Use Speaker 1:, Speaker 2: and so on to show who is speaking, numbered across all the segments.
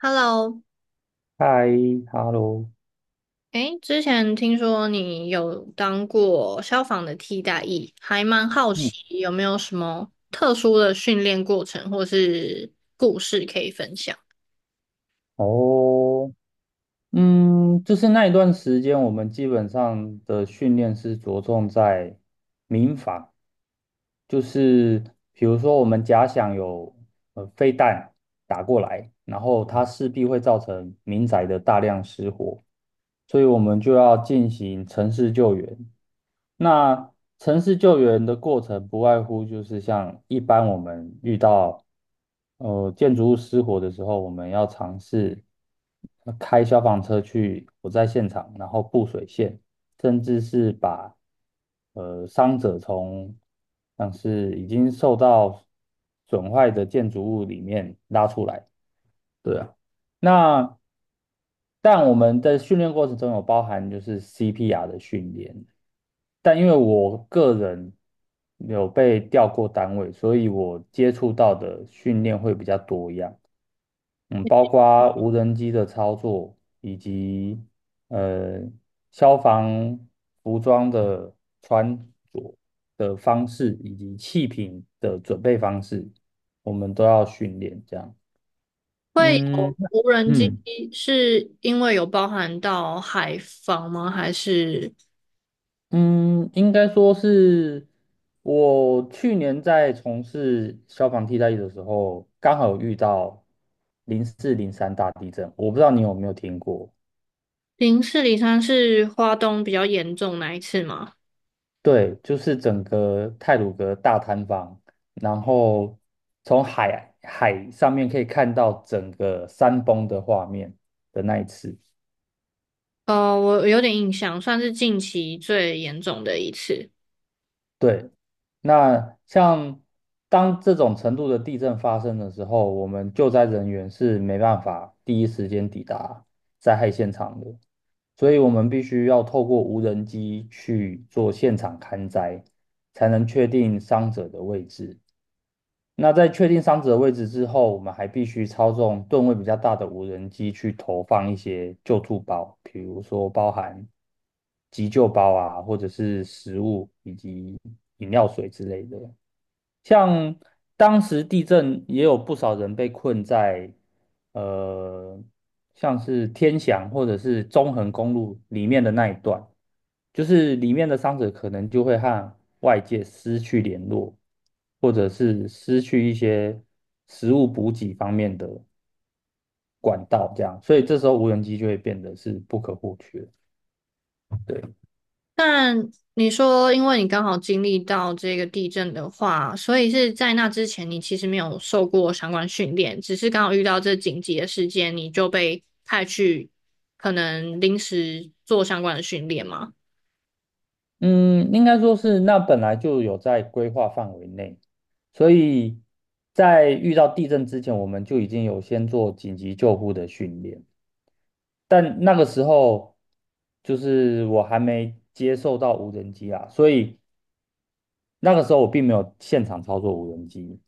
Speaker 1: Hello。
Speaker 2: 嗨，hello，
Speaker 1: 哎，之前听说你有当过消防的替代役，还蛮好
Speaker 2: 嗯，
Speaker 1: 奇有没有什么特殊的训练过程或是故事可以分享？
Speaker 2: 哦，就是那一段时间，我们基本上的训练是着重在民法。就是比如说我们假想有飞弹打过来，然后它势必会造成民宅的大量失火，所以我们就要进行城市救援。那城市救援的过程不外乎就是像一般我们遇到建筑物失火的时候，我们要尝试开消防车去火灾现场，然后布水线，甚至是把伤者从像是已经受到损坏的建筑物里面拉出来。对啊。那但我们在训练过程中有包含就是 CPR 的训练，但因为我个人有被调过单位，所以我接触到的训练会比较多样。嗯，包括无人机的操作以及呃消防服装的穿着的方式以及气瓶的准备方式，我们都要训练这样。
Speaker 1: 会
Speaker 2: 嗯。
Speaker 1: 有无人机
Speaker 2: 嗯。
Speaker 1: 是因为有包含到海防吗？还是
Speaker 2: 嗯，应该说是我去年在从事消防替代役的时候，刚好有遇到0403大地震。我不知道你有没有听过？
Speaker 1: 零四零三是花东比较严重那一次吗？
Speaker 2: 对，就是整个太鲁阁大坍方，然后从海上面可以看到整个山崩的画面的那一次。
Speaker 1: 我有点印象，算是近期最严重的一次。
Speaker 2: 对。那像当这种程度的地震发生的时候，我们救灾人员是没办法第一时间抵达灾害现场的，所以我们必须要透过无人机去做现场勘灾，才能确定伤者的位置。那在确定伤者的位置之后，我们还必须操纵吨位比较大的无人机去投放一些救助包，比如说包含急救包啊，或者是食物以及饮料水之类的。像当时地震也有不少人被困在呃，像是天祥或者是中横公路里面的那一段，就是里面的伤者可能就会和外界失去联络，或者是失去一些食物补给方面的管道，这样，所以这时候无人机就会变得是不可或缺。对。
Speaker 1: 但你说，因为你刚好经历到这个地震的话，所以是在那之前，你其实没有受过相关训练，只是刚好遇到这紧急的事件，你就被派去可能临时做相关的训练吗？
Speaker 2: 嗯，应该说是那本来就有在规划范围内，所以在遇到地震之前，我们就已经有先做紧急救护的训练。但那个时候，就是我还没接受到无人机啊，所以那个时候我并没有现场操作无人机，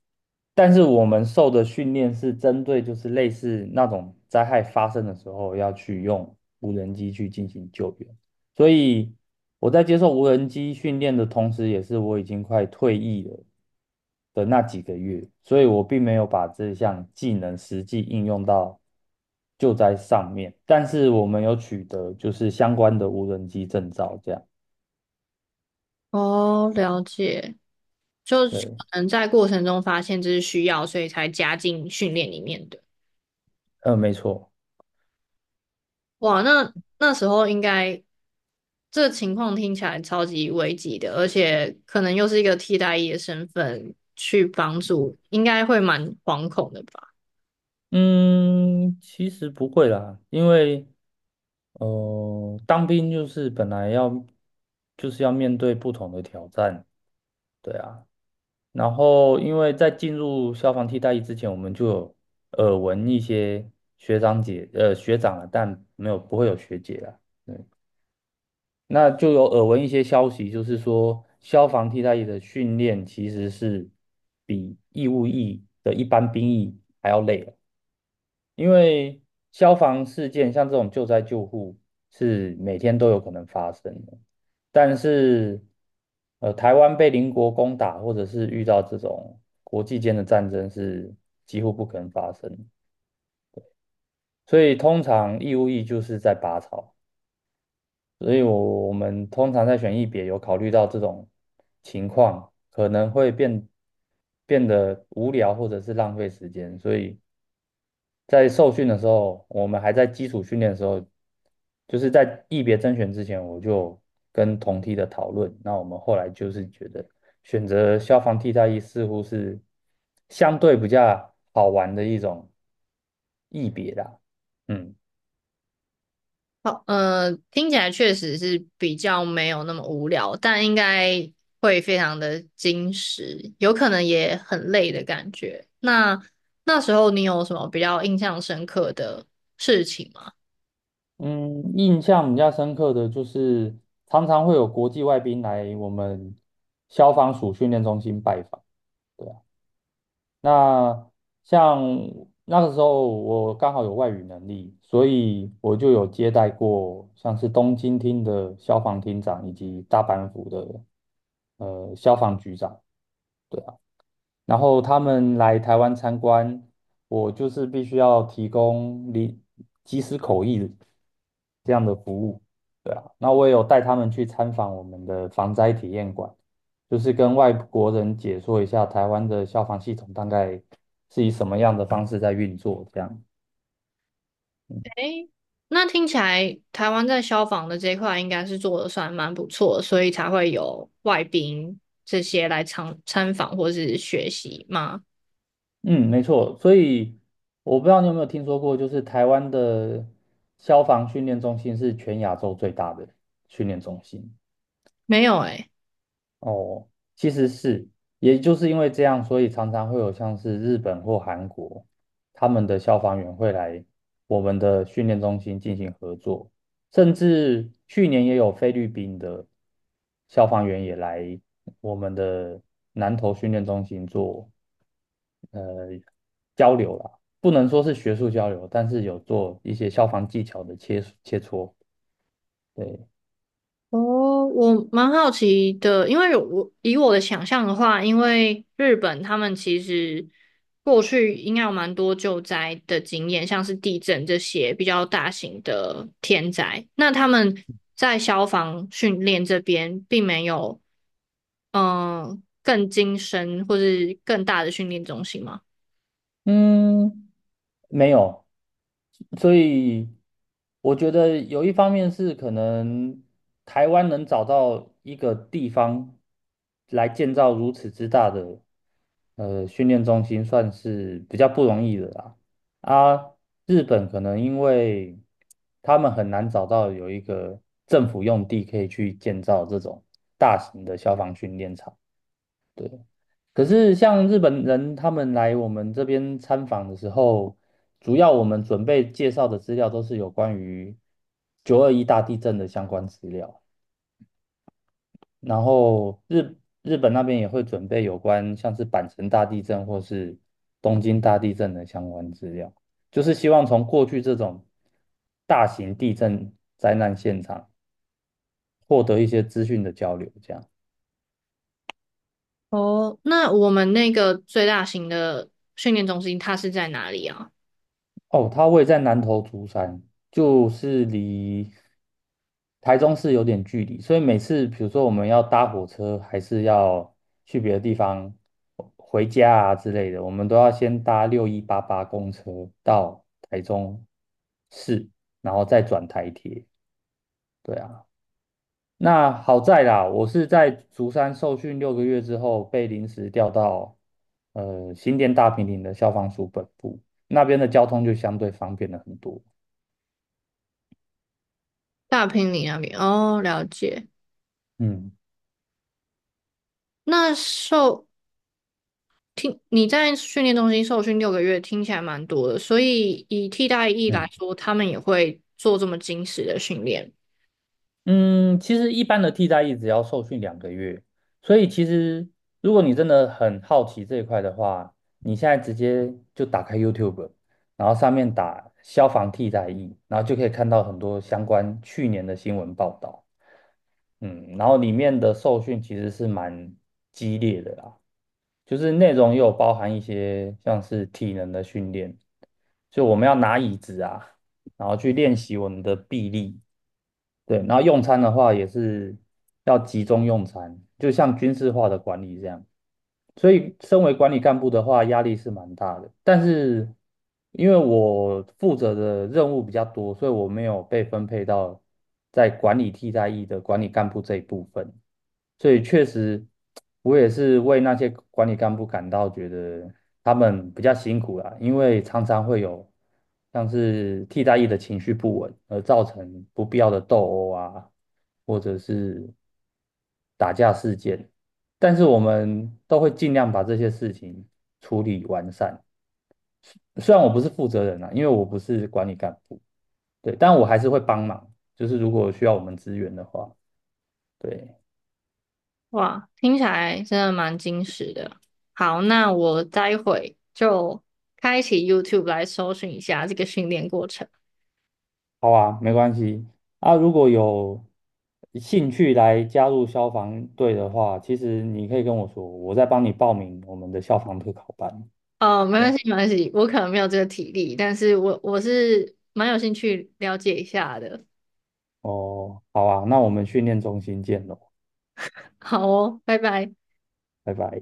Speaker 2: 但是我们受的训练是针对就是类似那种灾害发生的时候要去用无人机去进行救援。所以我在接受无人机训练的同时，也是我已经快退役了的那几个月，所以我并没有把这项技能实际应用到救灾上面。但是我们有取得就是相关的无人机证照，这样。
Speaker 1: 哦，了解，就是
Speaker 2: 对。
Speaker 1: 可能在过程中发现这是需要，所以才加进训练里面的。
Speaker 2: 嗯，没错。
Speaker 1: 哇，那那时候这个情况听起来超级危急的，而且可能又是一个替代役的身份去帮助，应该会蛮惶恐的吧？
Speaker 2: 嗯，其实不会啦，因为当兵就是本来要就是要面对不同的挑战，对啊。然后因为在进入消防替代役之前，我们就有耳闻一些学长姐学长啊，但没有不会有学姐啦。对。那就有耳闻一些消息，就是说消防替代役的训练其实是比义务役的一般兵役还要累。因为消防事件像这种救灾救护是每天都有可能发生的，但是台湾被邻国攻打或者是遇到这种国际间的战争是几乎不可能发生的，所以通常义务役就是在拔草，所以我们通常在选役别有考虑到这种情况可能会变得无聊或者是浪费时间，所以。在受训的时候，我们还在基础训练的时候，就是在役别甄选之前，我就跟同梯的讨论。那我们后来就是觉得，选择消防替代役似乎是相对比较好玩的一种役别啦。嗯。
Speaker 1: 好，听起来确实是比较没有那么无聊，但应该会非常的矜持，有可能也很累的感觉。那那时候你有什么比较印象深刻的事情吗？
Speaker 2: 嗯，印象比较深刻的就是常常会有国际外宾来我们消防署训练中心拜访。对。那像那个时候我刚好有外语能力，所以我就有接待过像是东京厅的消防厅长以及大阪府的消防局长。对。啊。然后他们来台湾参观，我就是必须要提供即时口译这样的服务，对啊。那我也有带他们去参访我们的防灾体验馆，就是跟外国人解说一下台湾的消防系统大概是以什么样的方式在运作，这样。
Speaker 1: 诶，那听起来台湾在消防的这一块应该是做的算蛮不错的，所以才会有外宾这些来参访或是学习吗？
Speaker 2: 嗯，没错。所以我不知道你有没有听说过，就是台湾的消防训练中心是全亚洲最大的训练中心。
Speaker 1: 没有诶。
Speaker 2: 哦，其实是，也就是因为这样，所以常常会有像是日本或韩国，他们的消防员会来我们的训练中心进行合作，甚至去年也有菲律宾的消防员也来我们的南投训练中心做呃交流啦，不能说是学术交流，但是有做一些消防技巧的切磋。对。
Speaker 1: 哦，我蛮好奇的，因为我以我的想象的话，因为日本他们其实过去应该有蛮多救灾的经验，像是地震这些比较大型的天灾，那他们在消防训练这边并没有更精深或是更大的训练中心吗？
Speaker 2: 嗯，没有，所以我觉得有一方面是可能台湾能找到一个地方来建造如此之大的训练中心，算是比较不容易的啦。啊，日本可能因为他们很难找到有一个政府用地可以去建造这种大型的消防训练场。可是像日本人他们来我们这边参访的时候，主要我们准备介绍的资料都是有关于921大地震的相关资料，然后日本那边也会准备有关像是阪神大地震或是东京大地震的相关资料，就是希望从过去这种大型地震灾难现场获得一些资讯的交流，这样。
Speaker 1: 哦，那我们那个最大型的训练中心它是在哪里啊？
Speaker 2: 哦，它位在南投竹山，就是离台中市有点距离，所以每次比如说我们要搭火车，还是要去别的地方回家啊之类的，我们都要先搭6188公车到台中市，然后再转台铁。对啊。那好在啦，我是在竹山受训6个月之后，被临时调到新店大平岭的消防署本部，那边的交通就相对方便了很多。
Speaker 1: 大平里那边哦，了解。
Speaker 2: 嗯。
Speaker 1: 那听你在训练中心受训6个月，听起来蛮多的，所以以替代役来
Speaker 2: 嗯。
Speaker 1: 说，他们也会做这么精实的训练。
Speaker 2: 嗯，其实一般的替代役只要受训2个月，所以其实如果你真的很好奇这一块的话，你现在直接就打开 YouTube，然后上面打消防替代役，然后就可以看到很多相关去年的新闻报道。嗯，然后里面的受训其实是蛮激烈的啦，就是内容也有包含一些像是体能的训练，就我们要拿椅子啊，然后去练习我们的臂力。对。然后用餐的话也是要集中用餐，就像军事化的管理这样。所以，身为管理干部的话，压力是蛮大的。但是，因为我负责的任务比较多，所以我没有被分配到在管理替代役的管理干部这一部分。所以确实，我也是为那些管理干部感到觉得他们比较辛苦啦，因为常常会有像是替代役的情绪不稳，而造成不必要的斗殴啊，或者是打架事件。但是我们都会尽量把这些事情处理完善。虽然我不是负责人啊，因为我不是管理干部，对，但我还是会帮忙，就是如果需要我们支援的话，对。
Speaker 1: 哇，听起来真的蛮精实的。好，那我待会就开启 YouTube 来搜寻一下这个训练过程。
Speaker 2: 好啊，没关系。啊，如果有兴趣来加入消防队的话，其实你可以跟我说，我再帮你报名我们的消防特考班。
Speaker 1: 哦，没
Speaker 2: 对
Speaker 1: 关
Speaker 2: 啊。
Speaker 1: 系，没关系，我可能没有这个体力，但是我是蛮有兴趣了解一下的。
Speaker 2: 哦，好啊，那我们训练中心见喽，
Speaker 1: 好哦，拜拜。
Speaker 2: 拜拜。